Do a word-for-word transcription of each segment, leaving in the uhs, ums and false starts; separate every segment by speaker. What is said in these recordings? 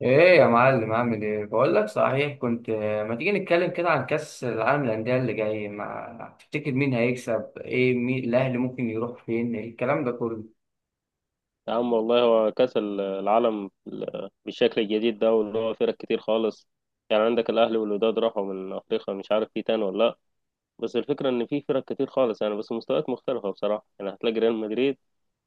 Speaker 1: ايه يا معلم عامل ايه؟ بقول لك صحيح كنت آه، ما تيجي نتكلم كده عن كأس العالم للأندية اللي جاي؟ ما تفتكر مين هيكسب؟ ايه؟ مين الاهلي ممكن يروح فين؟ الكلام ده كله
Speaker 2: يا عم والله هو كأس العالم بالشكل الجديد ده واللي هو فرق كتير خالص. يعني عندك الأهلي والوداد راحوا من أفريقيا، مش عارف في تاني ولا لأ. بس الفكرة إن في فرق كتير خالص، يعني بس مستويات مختلفة بصراحة. يعني هتلاقي ريال مدريد،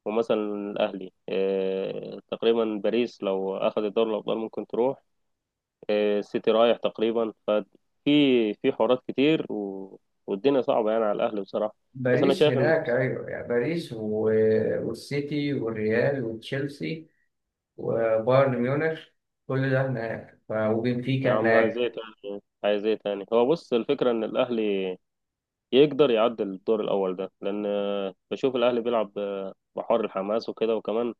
Speaker 2: ومثلا الأهلي، إيه تقريبا باريس لو أخد الدوري الأبطال ممكن تروح، إيه السيتي رايح تقريبا. ففي في حوارات كتير و... والدنيا صعبة يعني على الأهلي بصراحة. بس أنا
Speaker 1: باريس
Speaker 2: شايف إن،
Speaker 1: هناك. ايوه، يعني باريس و... والسيتي والريال وتشيلسي وبايرن ميونخ، كل ده هناك، ف...
Speaker 2: يا
Speaker 1: وبنفيكا
Speaker 2: عم عايز إيه
Speaker 1: هناك.
Speaker 2: تاني؟ عايز إيه تاني؟ هو بص، الفكرة إن الأهلي يقدر يعدي الدور الأول ده، لأن آه، بشوف الأهلي بيلعب آه، بحر الحماس وكده، وكمان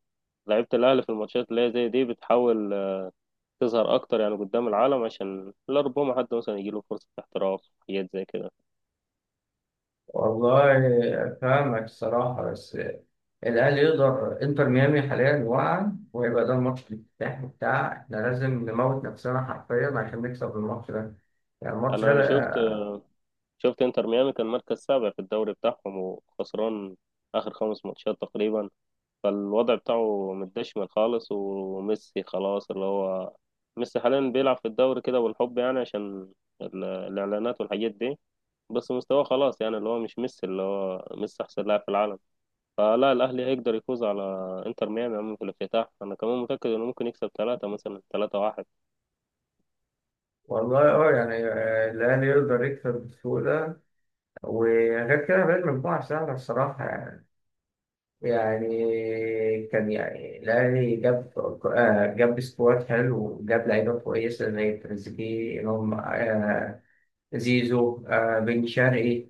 Speaker 2: لعيبة الأهلي في الماتشات اللي هي زي دي بتحاول آه، تظهر أكتر يعني قدام العالم، عشان لا ربما حد مثلا يجيله فرصة احتراف، حاجات زي كده.
Speaker 1: والله فاهمك الصراحة، بس الأهلي يقدر. إنتر ميامي حاليا واقع، وهيبقى ده الماتش الافتتاحي بتاع إحنا، لازم نموت نفسنا حرفيا عشان نكسب الماتش ده. يعني الماتش ده
Speaker 2: أنا شفت
Speaker 1: لأ-
Speaker 2: شفت إنتر ميامي كان مركز سابع في الدوري بتاعهم، وخسران آخر خمس ماتشات تقريبا. فالوضع بتاعه متدشمل خالص، وميسي خلاص اللي هو، ميسي حاليا بيلعب في الدوري كده والحب، يعني عشان ال- الإعلانات والحاجات دي، بس مستواه خلاص. يعني اللي هو مش ميسي، اللي هو ميسي أحسن لاعب في العالم. فلا، الأهلي هيقدر يفوز على إنتر ميامي عم في الافتتاح. أنا كمان متأكد إنه ممكن يكسب ثلاثة مثلا ثلاثة واحد.
Speaker 1: والله اه. يعني آه، الأهلي يقدر يكسب بسهولة، وغير كده بقى المجموعة سهلة الصراحة. يعني يعني كان يعني الأهلي جاب آه، جاب سكواد حلو، وجاب لعيبة كويسة زي تريزيجيه، إمام، آه، زيزو، آه بن شرقي،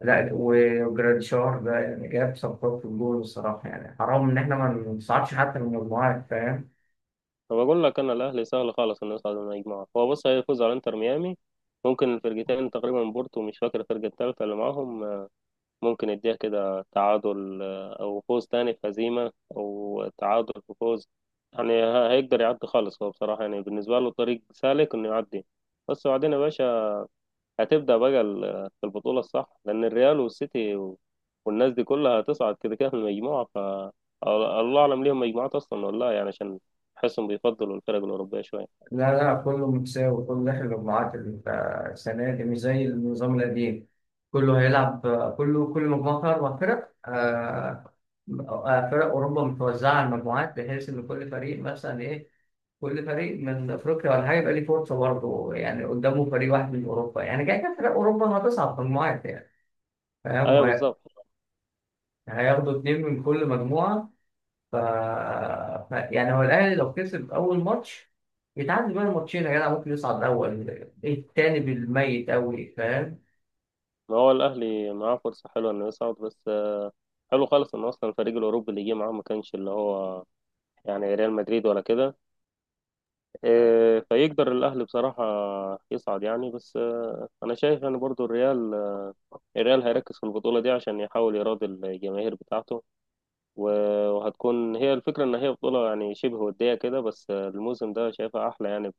Speaker 1: لا وجراديشار ده، يعني جاب صفقات في الجول الصراحة. يعني حرام إن إحنا ما نصعدش حتى من المجموعات، فاهم؟
Speaker 2: فبقول لك أنا، الأهلي سهل خالص إنه يصعد من المجموعة. هو بص، هيفوز على إنتر ميامي، ممكن الفرقتين تقريبا بورتو، مش فاكر الفرقة التالتة اللي معاهم، ممكن يديها كده تعادل، أو فوز تاني في هزيمة، أو تعادل في فوز. يعني ه- هيقدر يعدي خالص. هو بصراحة يعني بالنسبة له طريق سالك إنه يعدي، بس بعدين يا باشا هتبدأ بقى ال- في البطولة الصح، لأن الريال والسيتي و- والناس دي كلها هتصعد كده كده من المجموعة. ف الله أعلم ليهم مجموعات أصلا ولا لا، يعني عشان أحسهم بيفضلوا الفرق الأوروبية شوية.
Speaker 1: لا لا، كله متساوي، كله داخل المجموعات ال- آه، السنة دي مش زي النظام القديم. كله هيلعب، آه، كله كل مجموعة فيها أربع فرق. آه، آه، فرق أوروبا متوزعة على المجموعات بحيث إن كل فريق مثلا إيه، كل فريق من أفريقيا ولا حاجة يبقى ليه فرصة برضه، يعني قدامه فريق واحد من أوروبا، يعني كده كده فرق أوروبا هتصعد في المجموعات يعني. فاهم؟
Speaker 2: أيوة
Speaker 1: وهي-
Speaker 2: بالظبط.
Speaker 1: هياخدوا اتنين من كل مجموعة. ف... ف... يعني هو الأهلي لو كسب أول ماتش يتعدي بقى الماتشين يا جدع، ممكن يصعد أول. إيه التاني بالميت أوي، فاهم؟
Speaker 2: ما هو الأهلي معاه فرصة حلوة إنه يصعد، بس حلو خالص إن أصلا الفريق الأوروبي اللي جه معاه ما كانش اللي هو، يعني ريال مدريد ولا كده. إيه، فيقدر الأهلي بصراحة يصعد يعني، بس آه، أنا شايف يعني برضو الريال الريال هيركز في البطولة دي عشان يحاول يراضي الجماهير بتاعته، و- وهتكون هي الفكرة إن هي بطولة يعني شبه ودية كده، بس الموسم ده شايفها أحلى يعني،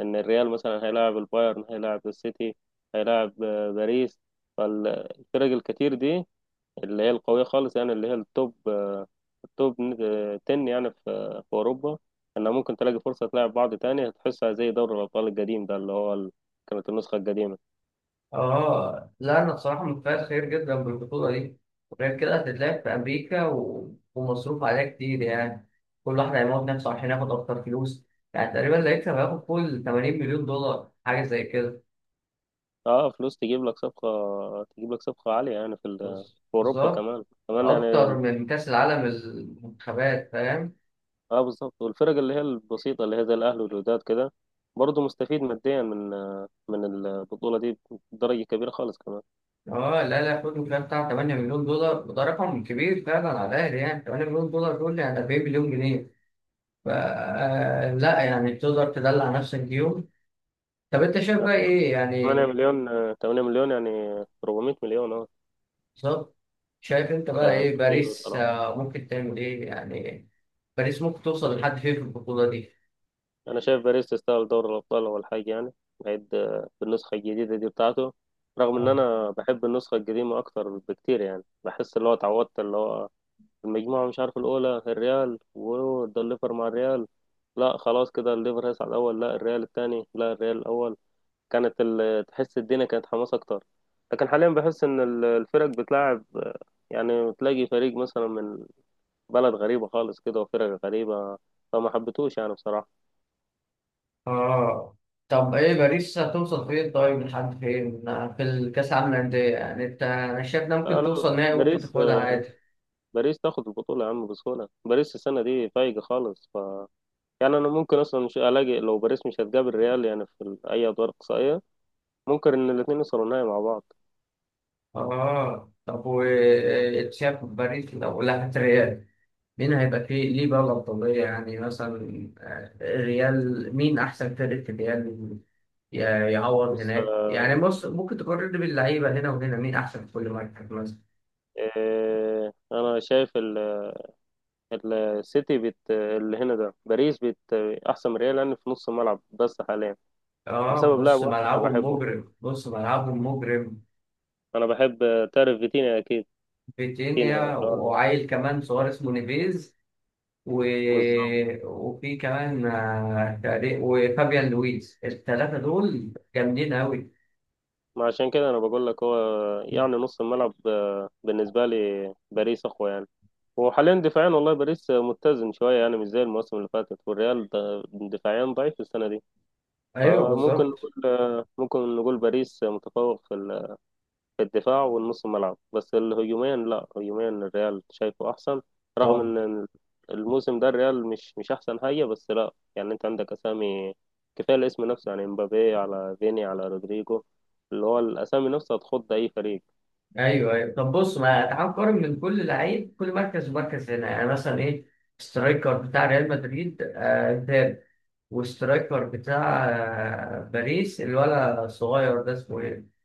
Speaker 2: إن الريال مثلا هيلاعب البايرن، هيلاعب السيتي، هيلاعب باريس، فالفرق الكتير دي اللي هي القوية خالص، يعني اللي هي التوب التوب عشرة يعني في في أوروبا، إنها ممكن تلاقي فرصة تلاعب بعض تاني، هتحسها زي دوري الأبطال القديم ده اللي هو ال- كانت النسخة القديمة.
Speaker 1: اه لا، أنا بصراحة متفائل خير جدا بالبطولة دي. غير كده هتتلعب في أمريكا و... ومصروف عليها كتير يعني. كل واحد هيموت نفسه عشان ياخد أكتر فلوس. يعني تقريبا اللي هيكسب هياخد فوق ثمانين مليون دولار، حاجة زي كده.
Speaker 2: اه، فلوس تجيب لك صفقة، تجيب لك صفقة عالية، يعني في ال-
Speaker 1: بص
Speaker 2: في أوروبا،
Speaker 1: بالظبط،
Speaker 2: كمان كمان يعني.
Speaker 1: أكتر من كأس العالم المنتخبات، فاهم؟
Speaker 2: اه بالظبط. والفرق اللي هي البسيطة اللي هي زي الأهلي والوداد كده برضه مستفيد ماديا من من البطولة دي بدرجة كبيرة خالص كمان.
Speaker 1: اه لا لا، خدوا كده بتاع ثمانية مليون دولار، وده رقم كبير فعلا على الاهلي، يعني تمن مليون دولار دول يعني أربعين مليون جنيه. ف آه، لا يعني تقدر تدلع نفسك بيهم. طب انت شايف
Speaker 2: يعني
Speaker 1: بقى ايه يعني؟
Speaker 2: ثمانية مليون، ثمانية مليون يعني أربعمية مليون اه.
Speaker 1: بالظبط. شايف انت بقى ايه؟
Speaker 2: كتير
Speaker 1: باريس
Speaker 2: بصراحة،
Speaker 1: آه، ممكن تعمل ايه يعني؟ باريس ممكن توصل
Speaker 2: مش-
Speaker 1: لحد فين في البطولة دي؟
Speaker 2: أنا شايف باريس تستاهل دوري الأبطال أول حاجة يعني، بعيد آه، بالنسخة الجديدة دي بتاعته، رغم إن
Speaker 1: آه.
Speaker 2: أنا بحب النسخة القديمة أكتر بكتير، يعني بحس اللي هو اتعودت اللي هو، المجموعة مش عارف الأولى الريال، وده الليفر مع الريال، لا خلاص كده الليفر هيصعد الأول، لا الريال التاني، لا الريال الأول، كانت ال... تحس الدنيا كانت حماس أكتر، لكن حاليا بحس إن ال- الفرق بتلعب، يعني تلاقي فريق مثلا من بلد غريبة خالص كده وفرق غريبة، فما حبيتوش يعني بصراحة.
Speaker 1: اه طب ايه باريس هتوصل فين؟ طيب لحد فين آه، في الكاس العالم للأندية؟ يعني انت، انا شايف انها
Speaker 2: لا
Speaker 1: ممكن توصل
Speaker 2: لا،
Speaker 1: نهائي، ممكن
Speaker 2: باريس
Speaker 1: تاخدها عادي.
Speaker 2: باريس تاخد البطولة يا عم بسهولة، باريس السنة دي فايقة خالص. ف يعني أنا ممكن أصلا مش ألاقي، لو باريس مش هتقابل ريال يعني في ال- أي أدوار إقصائية، ممكن ان الاثنين يوصلوا النهائي مع بعض.
Speaker 1: اه طب وتشاف باريس لو لعبت ريال، مين هيبقى فيه ليه بقى الأفضلية يعني؟ مثلا آه، الريال مين أحسن فرقة في الريال؟ ي- يعوض
Speaker 2: بص،
Speaker 1: هناك يعني. بص، ممكن تقارن باللعيبة هنا وهنا، مين أحسن في كل مركز مثلا.
Speaker 2: آه، انا شايف ال- السيتي بت اللي هنا ده، باريس بت احسن من ريال لان في نص الملعب بس حاليا،
Speaker 1: اه
Speaker 2: بسبب لاعب
Speaker 1: نص
Speaker 2: واحد انا
Speaker 1: ملعبهم
Speaker 2: بحبه،
Speaker 1: مجرم، نص ملعبهم مجرم.
Speaker 2: انا بحب، آه، تعرف فيتينيا اكيد، فيتينيا
Speaker 1: فيتينيا
Speaker 2: اللي هو
Speaker 1: وعيل كمان صغير اسمه نيفيز و...
Speaker 2: بالظبط.
Speaker 1: وفي كمان آه، تقريب- وفابيان لويس، الثلاثة دول جامدين أوي.
Speaker 2: ما عشان كده انا بقول لك، هو يعني نص الملعب آه، بالنسبه لي باريس اقوى يعني. وحاليا دفاعيا والله باريس آه، متزن شويه، يعني مش زي الموسم اللي فاتت، والريال ده- دفاعيا ضعيف السنه دي.
Speaker 1: ايوه
Speaker 2: فممكن
Speaker 1: بالظبط.
Speaker 2: نقول آه، ممكن نقول باريس آه، متفوق في ال- في الدفاع والنص الملعب، بس الهجوميا لا، هجوميا الريال شايفه احسن، رغم
Speaker 1: طب
Speaker 2: ان الموسم ده الريال مش مش احسن حاجه، بس لا يعني انت عندك اسامي. كفايه الاسم نفسه، يعني مبابي على فيني على رودريجو، اللي هو الاسامي نفسها تخض اي فريق.
Speaker 1: ايوه ايوه. طب بص، ما تعال نقارن من كل لعيب، كل مركز مركز هنا يعني مثلا ايه. سترايكر بتاع ريال مدريد آه، مبابي. وسترايكر بتاع آه باريس، الولد الصغير ده اسمه ايه؟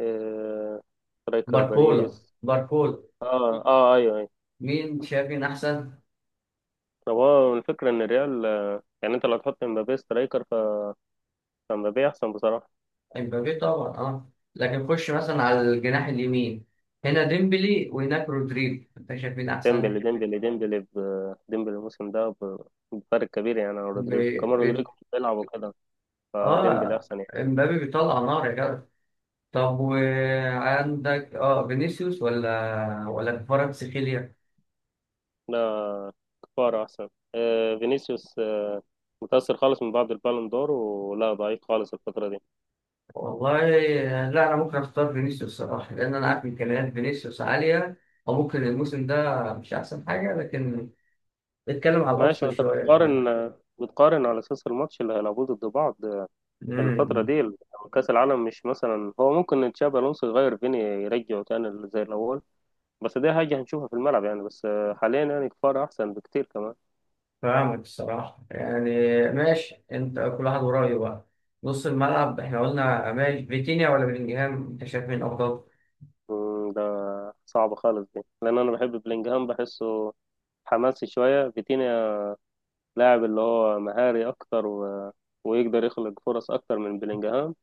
Speaker 2: إيه... سترايكر
Speaker 1: باركولا،
Speaker 2: باريس.
Speaker 1: باركولا.
Speaker 2: اه اه، ايوه ايوه.
Speaker 1: مين شايف مين احسن؟
Speaker 2: طب هو الفكره ان الريال، يعني انت لو تحط مبابي سترايكر ف- فمبابي احسن بصراحه.
Speaker 1: امبابي طبعا، اه. لكن خش مثلا على الجناح اليمين، هنا ديمبلي وهناك رودريجو، انت شايف مين احسن؟
Speaker 2: ديمبلي ديمبلي ديمبلي ب- ديمبلي الموسم ده، ب- بفرق كبير يعني عن
Speaker 1: ب...
Speaker 2: رودريجو، كمان
Speaker 1: ب...
Speaker 2: رودريجو مش بيلعب وكده، فديمبلي
Speaker 1: اه،
Speaker 2: أحسن يعني.
Speaker 1: امبابي بيطلع نار يا جدع. طب وعندك اه فينيسيوس ولا ولا كفارة سخيليا؟
Speaker 2: لا، كفارة أحسن. آه فينيسيوس آه متأثر خالص من بعد البالون دور، ولا ضعيف خالص الفترة دي.
Speaker 1: والله لا، انا ممكن اختار فينيسيوس الصراحه، لان انا عارف امكانيات فينيسيوس عاليه، او ممكن الموسم ده مش احسن حاجه، لكن نتكلم على
Speaker 2: ماشي،
Speaker 1: الاصل
Speaker 2: وأنت
Speaker 1: شويه، فاهم؟
Speaker 2: بتقارن بتقارن على أساس الماتش اللي هيلعبوه ضد بعض الفترة
Speaker 1: امم
Speaker 2: دي، كأس العالم. مش مثلا هو ممكن تشابي ألونسو يغير فيني يرجعه تاني زي الأول، بس دي حاجة هنشوفها في الملعب يعني. بس آه، حاليا يعني كفارة أحسن بكتير كمان.
Speaker 1: فاهمك الصراحه يعني. ماشي انت، كل واحد ورايه بقى. نص الملعب احنا قلنا، ماشي. فيتينيا ولا بلينجهام، انت شايف مين افضل؟
Speaker 2: مم، صعبة خالص دي، لأن أنا بحب بلينجهام، بحسه حماسي شوية. فيتينيا لاعب اللي هو مهاري أكتر، و... ويقدر يخلق فرص أكتر من بلينجهام،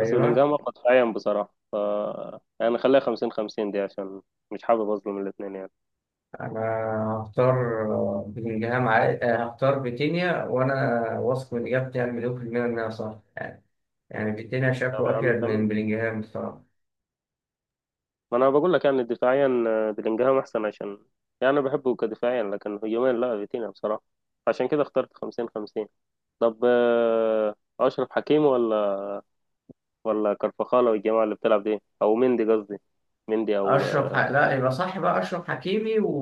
Speaker 2: بس بلينجهام أقوى دفاعيا بصراحة. ف يعني خليها خمسين خمسين دي، عشان مش حابب أظلم الاتنين يعني.
Speaker 1: انا هختار بلينجهام. عادي هختار فيتينيا، وانا واثق من اجابتي. يعني مليون في المية انها صح. يعني فيتينيا
Speaker 2: طب
Speaker 1: شافه
Speaker 2: يا
Speaker 1: افيد
Speaker 2: عم تمام،
Speaker 1: من بلينجهام الصراحة.
Speaker 2: ما أنا بقول لك يعني دفاعيا بلينجهام أحسن، عشان يعني أنا بحبه كدفاعيا، لكن هجوميا لا، فيتينيا بصراحة، عشان كده اخترت خمسين خمسين. طب آه، أشرف حكيمي ولا ولا كرفخالة والجماعة اللي بتلعب دي، أو مندي قصدي، مندي أو،
Speaker 1: اشرف ح... لا يبقى صح بقى اشرف حكيمي و...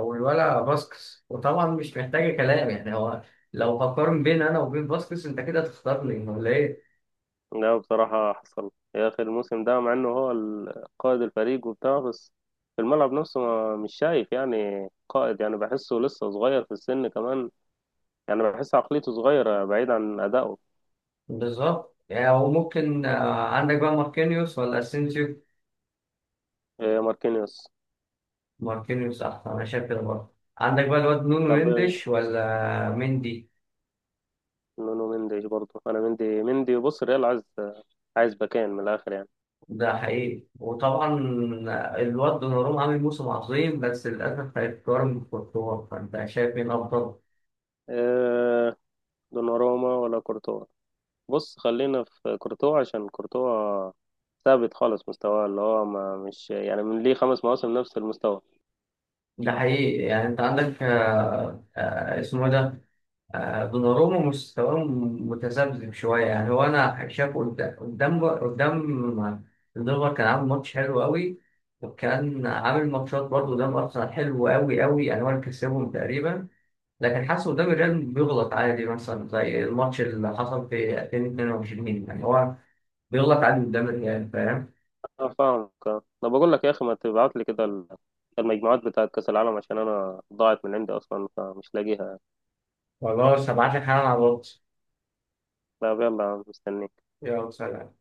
Speaker 1: والولا باسكس، وطبعا مش محتاجة كلام يعني. هو لو هقارن بين انا وبين باسكس، انت كده تختارني ولا ايه؟
Speaker 2: لا بصراحة حصل يا أخي الموسم ده، مع إنه هو ال- قائد الفريق وبتاع، بس في الملعب نفسه ما مش شايف يعني قائد، يعني بحسه لسه صغير في السن كمان، يعني بحس عقليته صغيرة بعيد عن أدائه.
Speaker 1: بالظبط، يعني هو ممكن آه، عندك بقى ماركينيوس ولا اسينسيو؟
Speaker 2: إيه ماركينيوس.
Speaker 1: ماركينيوس احسن، انا شايف كده. برضه عندك بقى الواد نونو
Speaker 2: طب
Speaker 1: مندش ولا مندي.
Speaker 2: نونو مندي برضه، أنا مندي مندي بص، الريال عايز عايز باكين من الآخر يعني.
Speaker 1: ده حقيقي وطبعا. الواد دوناروما عامل موسم عظيم، بس للأسف هيتقارن بكورتوا، فأنت شايف مين أفضل؟
Speaker 2: إيه دوناروما ولا كورتوا؟ بص، خلينا في كورتوا، عشان كورتوا ثابت خالص مستواه، اللي هو ما مش يعني، من ليه خمس مواسم نفس المستوى.
Speaker 1: ده حقيقي. يعني أنت عندك آه، آه، اسمه إيه ده؟ آه، دوناروما مستواه متذبذب شوية. يعني هو أنا شايفه قد- قدام قدام الدنمارك كان عامل ماتش حلو قوي. وكان عامل ماتشات برضه قدام أرسنال حلو قوي قوي، يعني هو اللي كسبهم تقريبا. لكن حاسه قدام الريال بيغلط عادي، مثلا زي الماتش اللي حصل في ألفين واتنين وعشرين. يعني هو بيغلط عادي قدام الريال، فاهم؟
Speaker 2: انا فاهمك. آه. انا بقول لك يا اخي، ما تبعت لي كده ال- المجموعات بتاعت كاس العالم، عشان انا ضاعت من عندي اصلا، فمش لاقيها.
Speaker 1: خلاص هبعت لك حالا على الواتس.
Speaker 2: لا يلا مستنيك.
Speaker 1: يلا سلام.